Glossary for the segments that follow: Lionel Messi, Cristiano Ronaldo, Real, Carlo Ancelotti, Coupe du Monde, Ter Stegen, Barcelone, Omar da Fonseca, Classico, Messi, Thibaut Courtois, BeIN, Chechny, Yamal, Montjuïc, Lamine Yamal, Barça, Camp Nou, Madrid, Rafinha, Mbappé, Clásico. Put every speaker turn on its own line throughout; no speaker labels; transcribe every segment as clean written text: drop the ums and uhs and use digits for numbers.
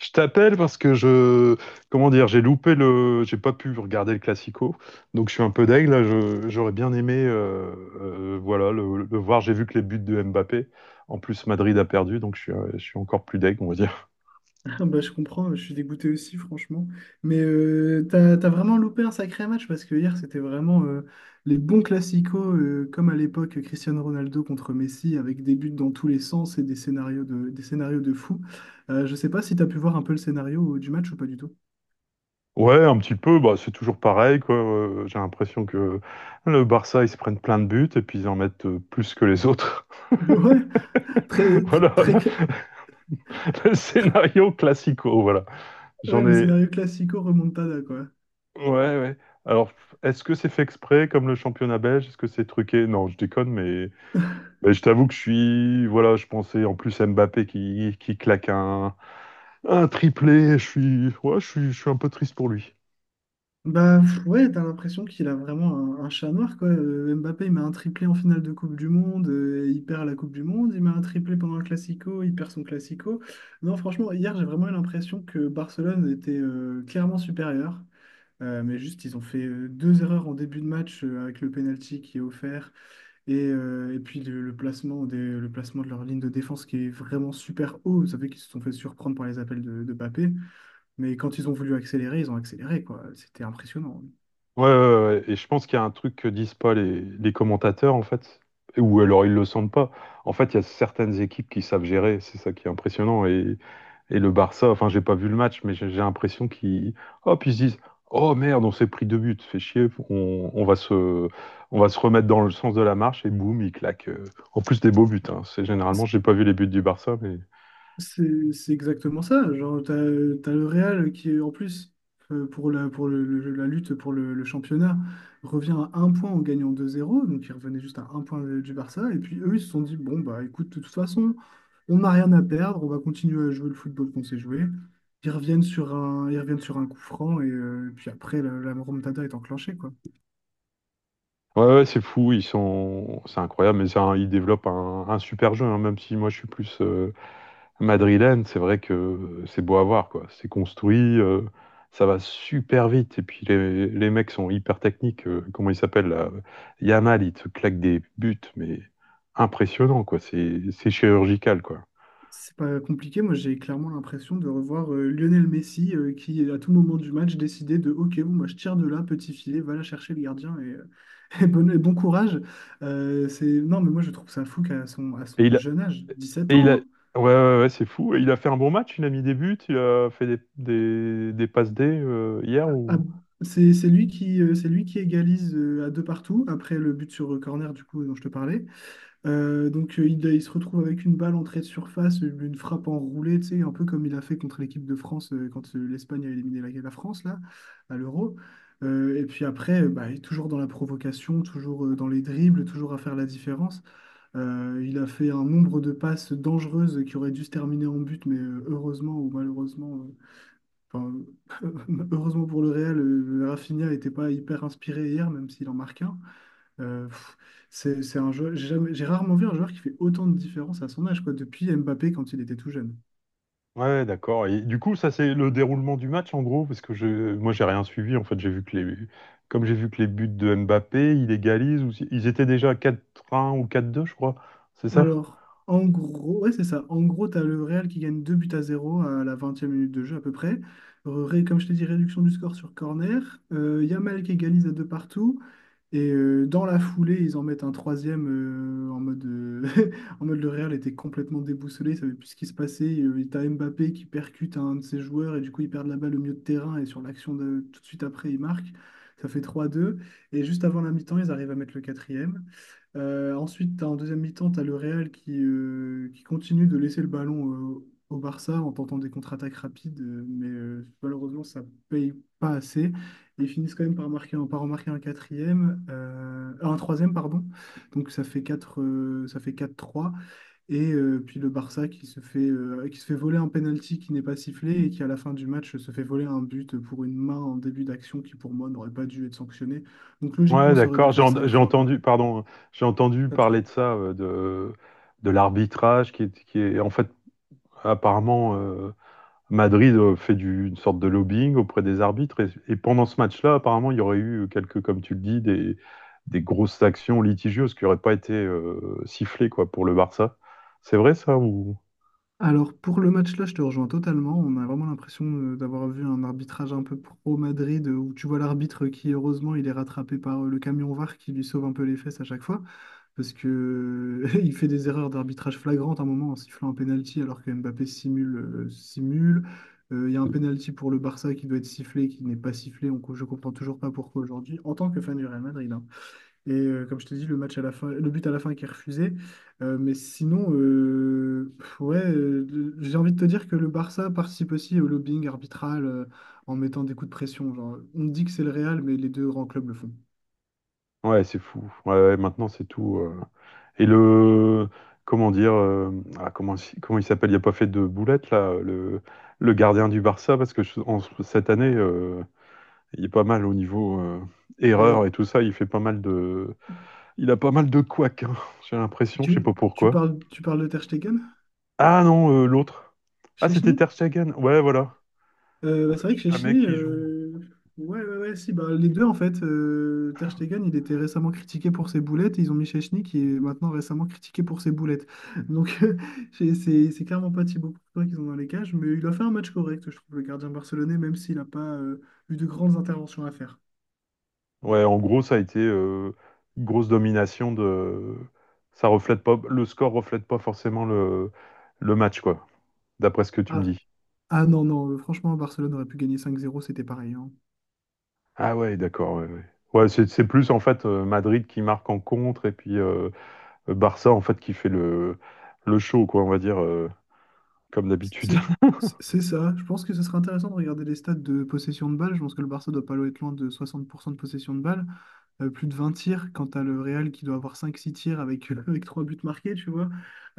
Je t'appelle parce que comment dire, j'ai loupé j'ai pas pu regarder le Classico, donc je suis un peu deg là. J'aurais bien aimé, voilà, le voir. J'ai vu que les buts de Mbappé. En plus, Madrid a perdu, donc je suis encore plus deg, on va dire.
Ah bah, je comprends, je suis dégoûté aussi, franchement. Mais t'as vraiment loupé un sacré match parce que hier, c'était vraiment les bons classicos, comme à l'époque Cristiano Ronaldo contre Messi, avec des buts dans tous les sens et des scénarios de fou. Je sais pas si t'as pu voir un peu le scénario du match ou pas du tout.
Ouais, un petit peu. Bah, c'est toujours pareil, quoi. J'ai l'impression que le Barça, ils se prennent plein de buts et puis ils en mettent plus que les autres.
Ouais, très, très,
Voilà
très
le scénario Classico. Voilà.
ouais,
J'en
le
ai,
scénario classico remontada, quoi.
Ouais, ouais. Alors, est-ce que c'est fait exprès comme le championnat belge? Est-ce que c'est truqué? Non, je déconne, mais je t'avoue que je suis. Voilà, je pensais en plus à Mbappé qui claque un triplé. Je suis, ouais, je suis un peu triste pour lui.
Bah pff, ouais, t'as l'impression qu'il a vraiment un chat noir, quoi. Mbappé, il met un triplé en finale de Coupe du Monde, il perd la Coupe du Monde, il met un triplé pendant le Classico, il perd son Classico. Non, franchement, hier, j'ai vraiment eu l'impression que Barcelone était clairement supérieur. Mais juste, ils ont fait deux erreurs en début de match avec le penalty qui est offert et puis le placement de leur ligne de défense qui est vraiment super haut. Vous savez qu'ils se sont fait surprendre par les appels de Mbappé, mais quand ils ont voulu accélérer, ils ont accéléré, quoi. C'était impressionnant.
Ouais, ouais, ouais, ouais. Et je pense qu'il y a un truc que disent pas les commentateurs, en fait. Ou alors ils le sentent pas. En fait, il y a certaines équipes qui savent gérer. C'est ça qui est impressionnant. Et le Barça, enfin, j'ai pas vu le match, mais j'ai l'impression qu'ils. Hop, ils se disent. Oh merde, on s'est pris deux buts. Fait chier. On va on va se remettre dans le sens de la marche. Et boum, ils claquent. En plus des beaux buts, hein. C'est généralement, j'ai pas vu les buts du Barça, mais.
C'est exactement ça. Genre, t'as le Real qui, est, en plus, pour la, pour le- la lutte pour le championnat, revient à un point en gagnant 2-0. Donc, il revenait juste à un point du Barça. Et puis, eux, ils se sont dit, bon, bah écoute, de toute façon, on n'a rien à perdre. On va continuer à jouer le football qu'on sait jouer. Ils reviennent sur un coup franc. Et puis après, la remontada est enclenchée, quoi.
Ouais, ouais, c'est fou. Ils sont. C'est incroyable. Mais ça, hein, ils développent un super jeu, hein, même si moi, je suis plus madrilène, c'est vrai que c'est beau à voir, quoi. C'est construit, ça va super vite. Et puis les mecs sont hyper techniques. Comment il s'appelle là? Yamal, il te claque des buts, mais impressionnant, quoi. C'est chirurgical, quoi.
C'est pas compliqué, moi j'ai clairement l'impression de revoir Lionel Messi qui à tout moment du match décidait de OK, bon, moi je tire de là, petit filet, va la chercher le gardien et bon courage. Non mais moi je trouve ça fou qu'à son, à
Et
son
il a,
jeune âge, 17
et il a,
ans,
ouais, ouais, ouais, c'est fou. Et il a fait un bon match, il a mis des buts, il a fait des passes D hier
hein, à-
ou.
c'est c'est lui qui égalise à deux partout après le but sur corner du coup dont je te parlais. Donc il se retrouve avec une balle entrée de surface, une frappe enroulée, tu sais, un peu comme il a fait contre l'équipe de France quand l'Espagne a éliminé la France là, à l'Euro. Et puis après, bah, il est toujours dans la provocation, toujours dans les dribbles, toujours à faire la différence. Il a fait un nombre de passes dangereuses qui auraient dû se terminer en but, mais heureusement ou malheureusement, euh, enfin, heureusement pour le Real, Rafinha n'était pas hyper inspiré hier, même s'il en marque un. Pff, c'est un jeu, j'ai jamais- j'ai rarement vu un joueur qui fait autant de différence à son âge, quoi, depuis Mbappé quand il était tout jeune.
Ouais, ouais, d'accord. Et du coup, ça, c'est le déroulement du match, en gros, parce que moi, j'ai rien suivi. En fait, j'ai vu que les, comme j'ai vu que les buts de Mbappé, il égalise, ou si- ils étaient déjà à 4-1 ou 4-2, je crois. C'est ça?
Alors, en gros, ouais, c'est ça. En gros, tu as le Real qui gagne 2 buts à zéro à la 20e minute de jeu à peu près. Comme je t'ai dit, réduction du score sur corner. Yamal qui égalise à deux partout. Et dans la foulée, ils en mettent un troisième en mode, en mode le Real était complètement déboussolé, il savait plus ce qui se passait. Et t'as Mbappé qui percute un de ses joueurs et du coup, ils perdent la balle au milieu de terrain et sur l'action de tout de suite après, ils marquent. Ça fait 3-2. Et juste avant la mi-temps, ils arrivent à mettre le quatrième. Ensuite, t'as en deuxième mi-temps, tu as le Real qui continue de laisser le ballon au Barça en tentant des contre-attaques rapides, mais malheureusement, ça paye pas assez. Et ils finissent quand même par marquer, par remarquer un quatrième, un troisième, pardon. Donc ça fait quatre trois. Et puis le Barça qui se fait voler un penalty qui n'est pas sifflé et qui à la fin du match se fait voler un but pour une main en début d'action qui pour moi n'aurait pas dû être sanctionnée. Donc
Ouais,
logiquement, ça aurait dû
d'accord.
faire cinq
J'ai
trois quoi.
entendu, pardon, j'ai entendu
Pas de
parler de
souci.
ça, de l'arbitrage en fait, apparemment, Madrid fait une sorte de lobbying auprès des arbitres. Et pendant ce match-là, apparemment, il y aurait eu quelques, comme tu le dis, des grosses actions litigieuses qui n'auraient pas été sifflées, quoi, pour le Barça. C'est vrai ça ou...
Alors pour le match-là, je te rejoins totalement. On a vraiment l'impression d'avoir vu un arbitrage un peu pro-Madrid, où tu vois l'arbitre qui, heureusement, il est rattrapé par le camion VAR qui lui sauve un peu les fesses à chaque fois, parce que il fait des erreurs d'arbitrage flagrantes à un moment en sifflant un penalty alors que Mbappé simule. Il y a un penalty pour le Barça qui doit être sifflé, qui n'est pas sifflé. Je comprends toujours pas pourquoi aujourd'hui. En tant que fan du Real Madrid, hein. Et comme je t'ai dit, le match à la fin, le but à la fin qui est refusé. Mais sinon, pff, ouais, j'ai envie de te dire que le Barça participe aussi au lobbying arbitral en mettant des coups de pression. Genre, on dit que c'est le Real, mais les deux grands clubs le font.
Ouais, c'est fou. Ouais, ouais, maintenant, c'est tout, euh. Et le. Comment dire, ah, comment il s'appelle. Il n'y a pas fait de boulette, là, le gardien du Barça, parce que cette année, il est pas mal au niveau erreur
Euh,
et tout ça. Il a pas mal de couacs, hein, j'ai l'impression, je sais
tu,
pas
tu
pourquoi.
parles, tu parles de Ter Stegen?
Ah non, l'autre. Ah, c'était
Chechny?
Ter Stegen. Ouais, voilà. Ouais,
Bah, c'est
je
vrai
sais
que
jamais
Chechny,
qui joue.
euh... Ouais, ouais, ouais, si, bah, les deux en fait. Ter Stegen, il était récemment critiqué pour ses boulettes et ils ont mis Chechny qui est maintenant récemment critiqué pour ses boulettes. Donc, c'est clairement pas Thibaut Courtois qu'ils ont dans les cages, mais il a fait un match correct, je trouve, le gardien barcelonais, même s'il n'a pas eu de grandes interventions à faire.
Ouais, en gros, ça a été une grosse domination de. Ça reflète pas. Le score reflète pas forcément le match, quoi, d'après ce que tu me
Ah,
dis.
ah non, non, franchement, Barcelone aurait pu gagner 5-0, c'était pareil, hein.
Ah ouais, d'accord. Ouais, ouais. Ouais, c'est plus en fait Madrid qui marque en contre et puis Barça en fait qui fait le show, quoi, on va dire, comme d'habitude.
C'est c'est- c'est ça. Je pense que ce serait intéressant de regarder les stats de possession de balle. Je pense que le Barça doit pas être loin de 60% de possession de balle. Plus de 20 tirs, quand tu as le Real qui doit avoir 5-6 tirs avec 3 buts marqués, tu vois.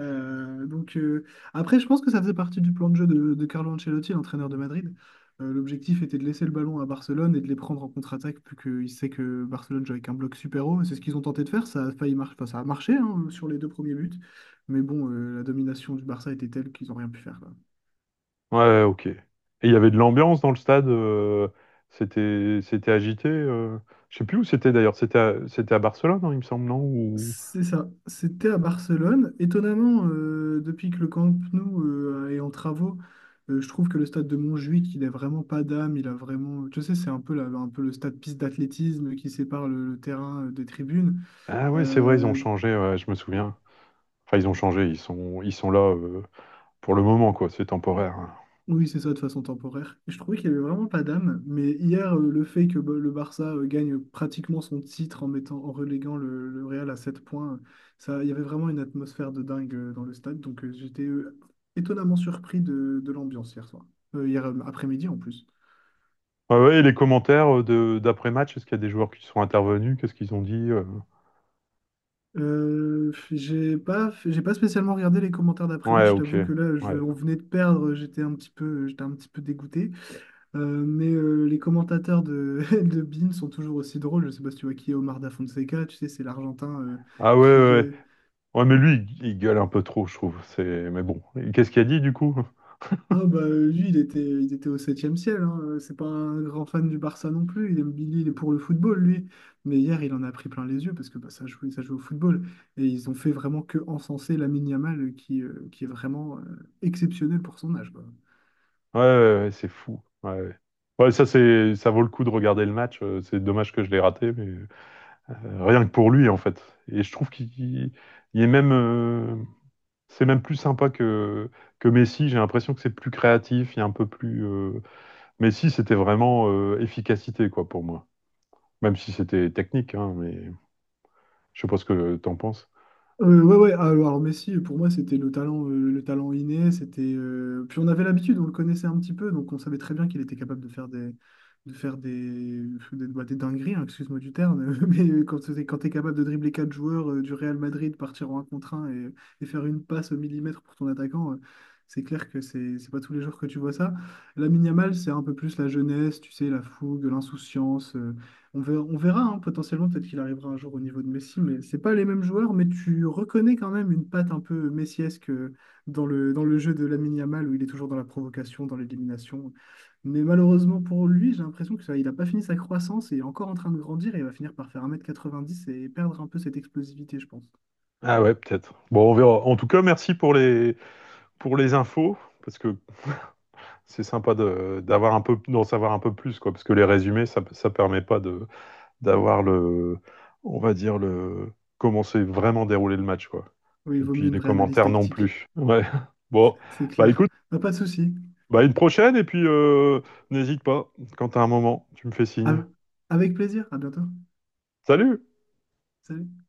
Donc, après, je pense que ça faisait partie du plan de jeu de Carlo Ancelotti, l'entraîneur de Madrid. L'objectif était de laisser le ballon à Barcelone et de les prendre en contre-attaque, plus qu'il sait que Barcelone joue avec un bloc super haut. Et c'est ce qu'ils ont tenté de faire, ça a failli enfin, ça a marché hein, sur les deux premiers buts. Mais bon, la domination du Barça était telle qu'ils n'ont rien pu faire, quoi.
Ouais, ouais, ok. Et il y avait de l'ambiance dans le stade, c'était agité. Je sais plus où c'était d'ailleurs, c'était à Barcelone, hein, il me semble, non? Ou...
C'est ça, c'était à Barcelone. Étonnamment, depuis que le Camp Nou est en travaux, je trouve que le stade de Montjuïc, il a vraiment pas d'âme, il a vraiment. Tu sais, c'est un peu, un peu le stade piste d'athlétisme qui sépare le terrain des tribunes.
Ah ouais, c'est vrai, ils ont
Euh,
changé, ouais, je me souviens. Enfin, ils ont changé, ils sont là, pour le moment, quoi, c'est temporaire, hein.
Oui, c'est ça, de façon temporaire. Et je trouvais qu'il n'y avait vraiment pas d'âme. Mais hier, le fait que bah, le Barça gagne pratiquement son titre en reléguant le Real à 7 points, ça, il y avait vraiment une atmosphère de dingue dans le stade. Donc j'étais étonnamment surpris de l'ambiance hier soir. Hier après-midi en plus.
Ouais, ouais, et les commentaires d'après-match, est-ce qu'il y a des joueurs qui sont intervenus? Qu'est-ce qu'ils ont dit, euh?
J'ai pas spécialement regardé les commentaires
Ouais,
d'après-match. Je
ok.
t'avoue que là,
Ouais.
on venait de perdre. J'étais un petit peu dégoûté. Mais les commentateurs de, de BeIN sont toujours aussi drôles. Je sais pas si tu vois qui est Omar da Fonseca, tu sais, c'est l'Argentin
Ah ouais,
qui...
ouais. Ouais,
euh,
ouais, mais lui, il gueule un peu trop, je trouve. C'est... Mais bon, et qu'est-ce qu'il a dit du coup?
Ah bah lui, il était au septième ciel, hein. C'est pas un grand fan du Barça non plus, il aime Billy, il est pour le football, lui. Mais hier, il en a pris plein les yeux parce que bah, ça jouait au football. Et ils ont fait vraiment que encenser Lamine Yamal, qui est vraiment exceptionnel pour son âge, quoi.
Ouais, ouais, ouais, c'est fou. Ouais, ouais. Ouais, ça, c'est, ça vaut le coup de regarder le match. C'est dommage que je l'ai raté, mais rien que pour lui, en fait. Et je trouve il est même, c'est même plus sympa que Messi. J'ai l'impression que c'est plus créatif, il est un peu plus. Messi, c'était vraiment efficacité, quoi, pour moi. Même si c'était technique, hein, mais je sais pas ce que t'en penses.
Ouais, ouais, ah, alors Messi, pour moi, c'était le talent inné, c'était, puis on avait l'habitude, on le connaissait un petit peu, donc on savait très bien qu'il était capable de faire des dingueries, hein, excuse-moi du terme, mais quand, quand tu es capable de dribbler 4 joueurs du Real Madrid, partir en un contre un et faire une passe au millimètre pour ton attaquant, c'est clair que c'est pas tous les jours que tu vois ça. Lamine Yamal, c'est un peu plus la jeunesse, tu sais, la fougue, l'insouciance, on verra, hein, potentiellement, peut-être qu'il arrivera un jour au niveau de Messi, mais c'est pas les mêmes joueurs, mais tu reconnais quand même une patte un peu messiesque dans le jeu de Lamine Yamal, où il est toujours dans la provocation, dans l'élimination. Mais malheureusement pour lui, j'ai l'impression que ça, il n'a pas fini sa croissance et est encore en train de grandir et il va finir par faire 1,90 m et perdre un peu cette explosivité, je pense.
Ah ouais, peut-être. Bon, on verra. En tout cas, merci pour pour les infos, parce que c'est sympa d'avoir un peu d'en savoir un peu plus quoi parce que les résumés ça permet pas de d'avoir le on va dire le comment s'est vraiment déroulé le match quoi
Oui, il
et
vaut
puis
mieux une
les
vraie analyse
commentaires non
tactique,
plus ouais bon
c'est
bah
clair.
écoute
Bah, pas de souci.
bah une prochaine et puis n'hésite pas quand t'as un moment tu me fais signe
Av- Avec plaisir, à bientôt.
salut
Salut.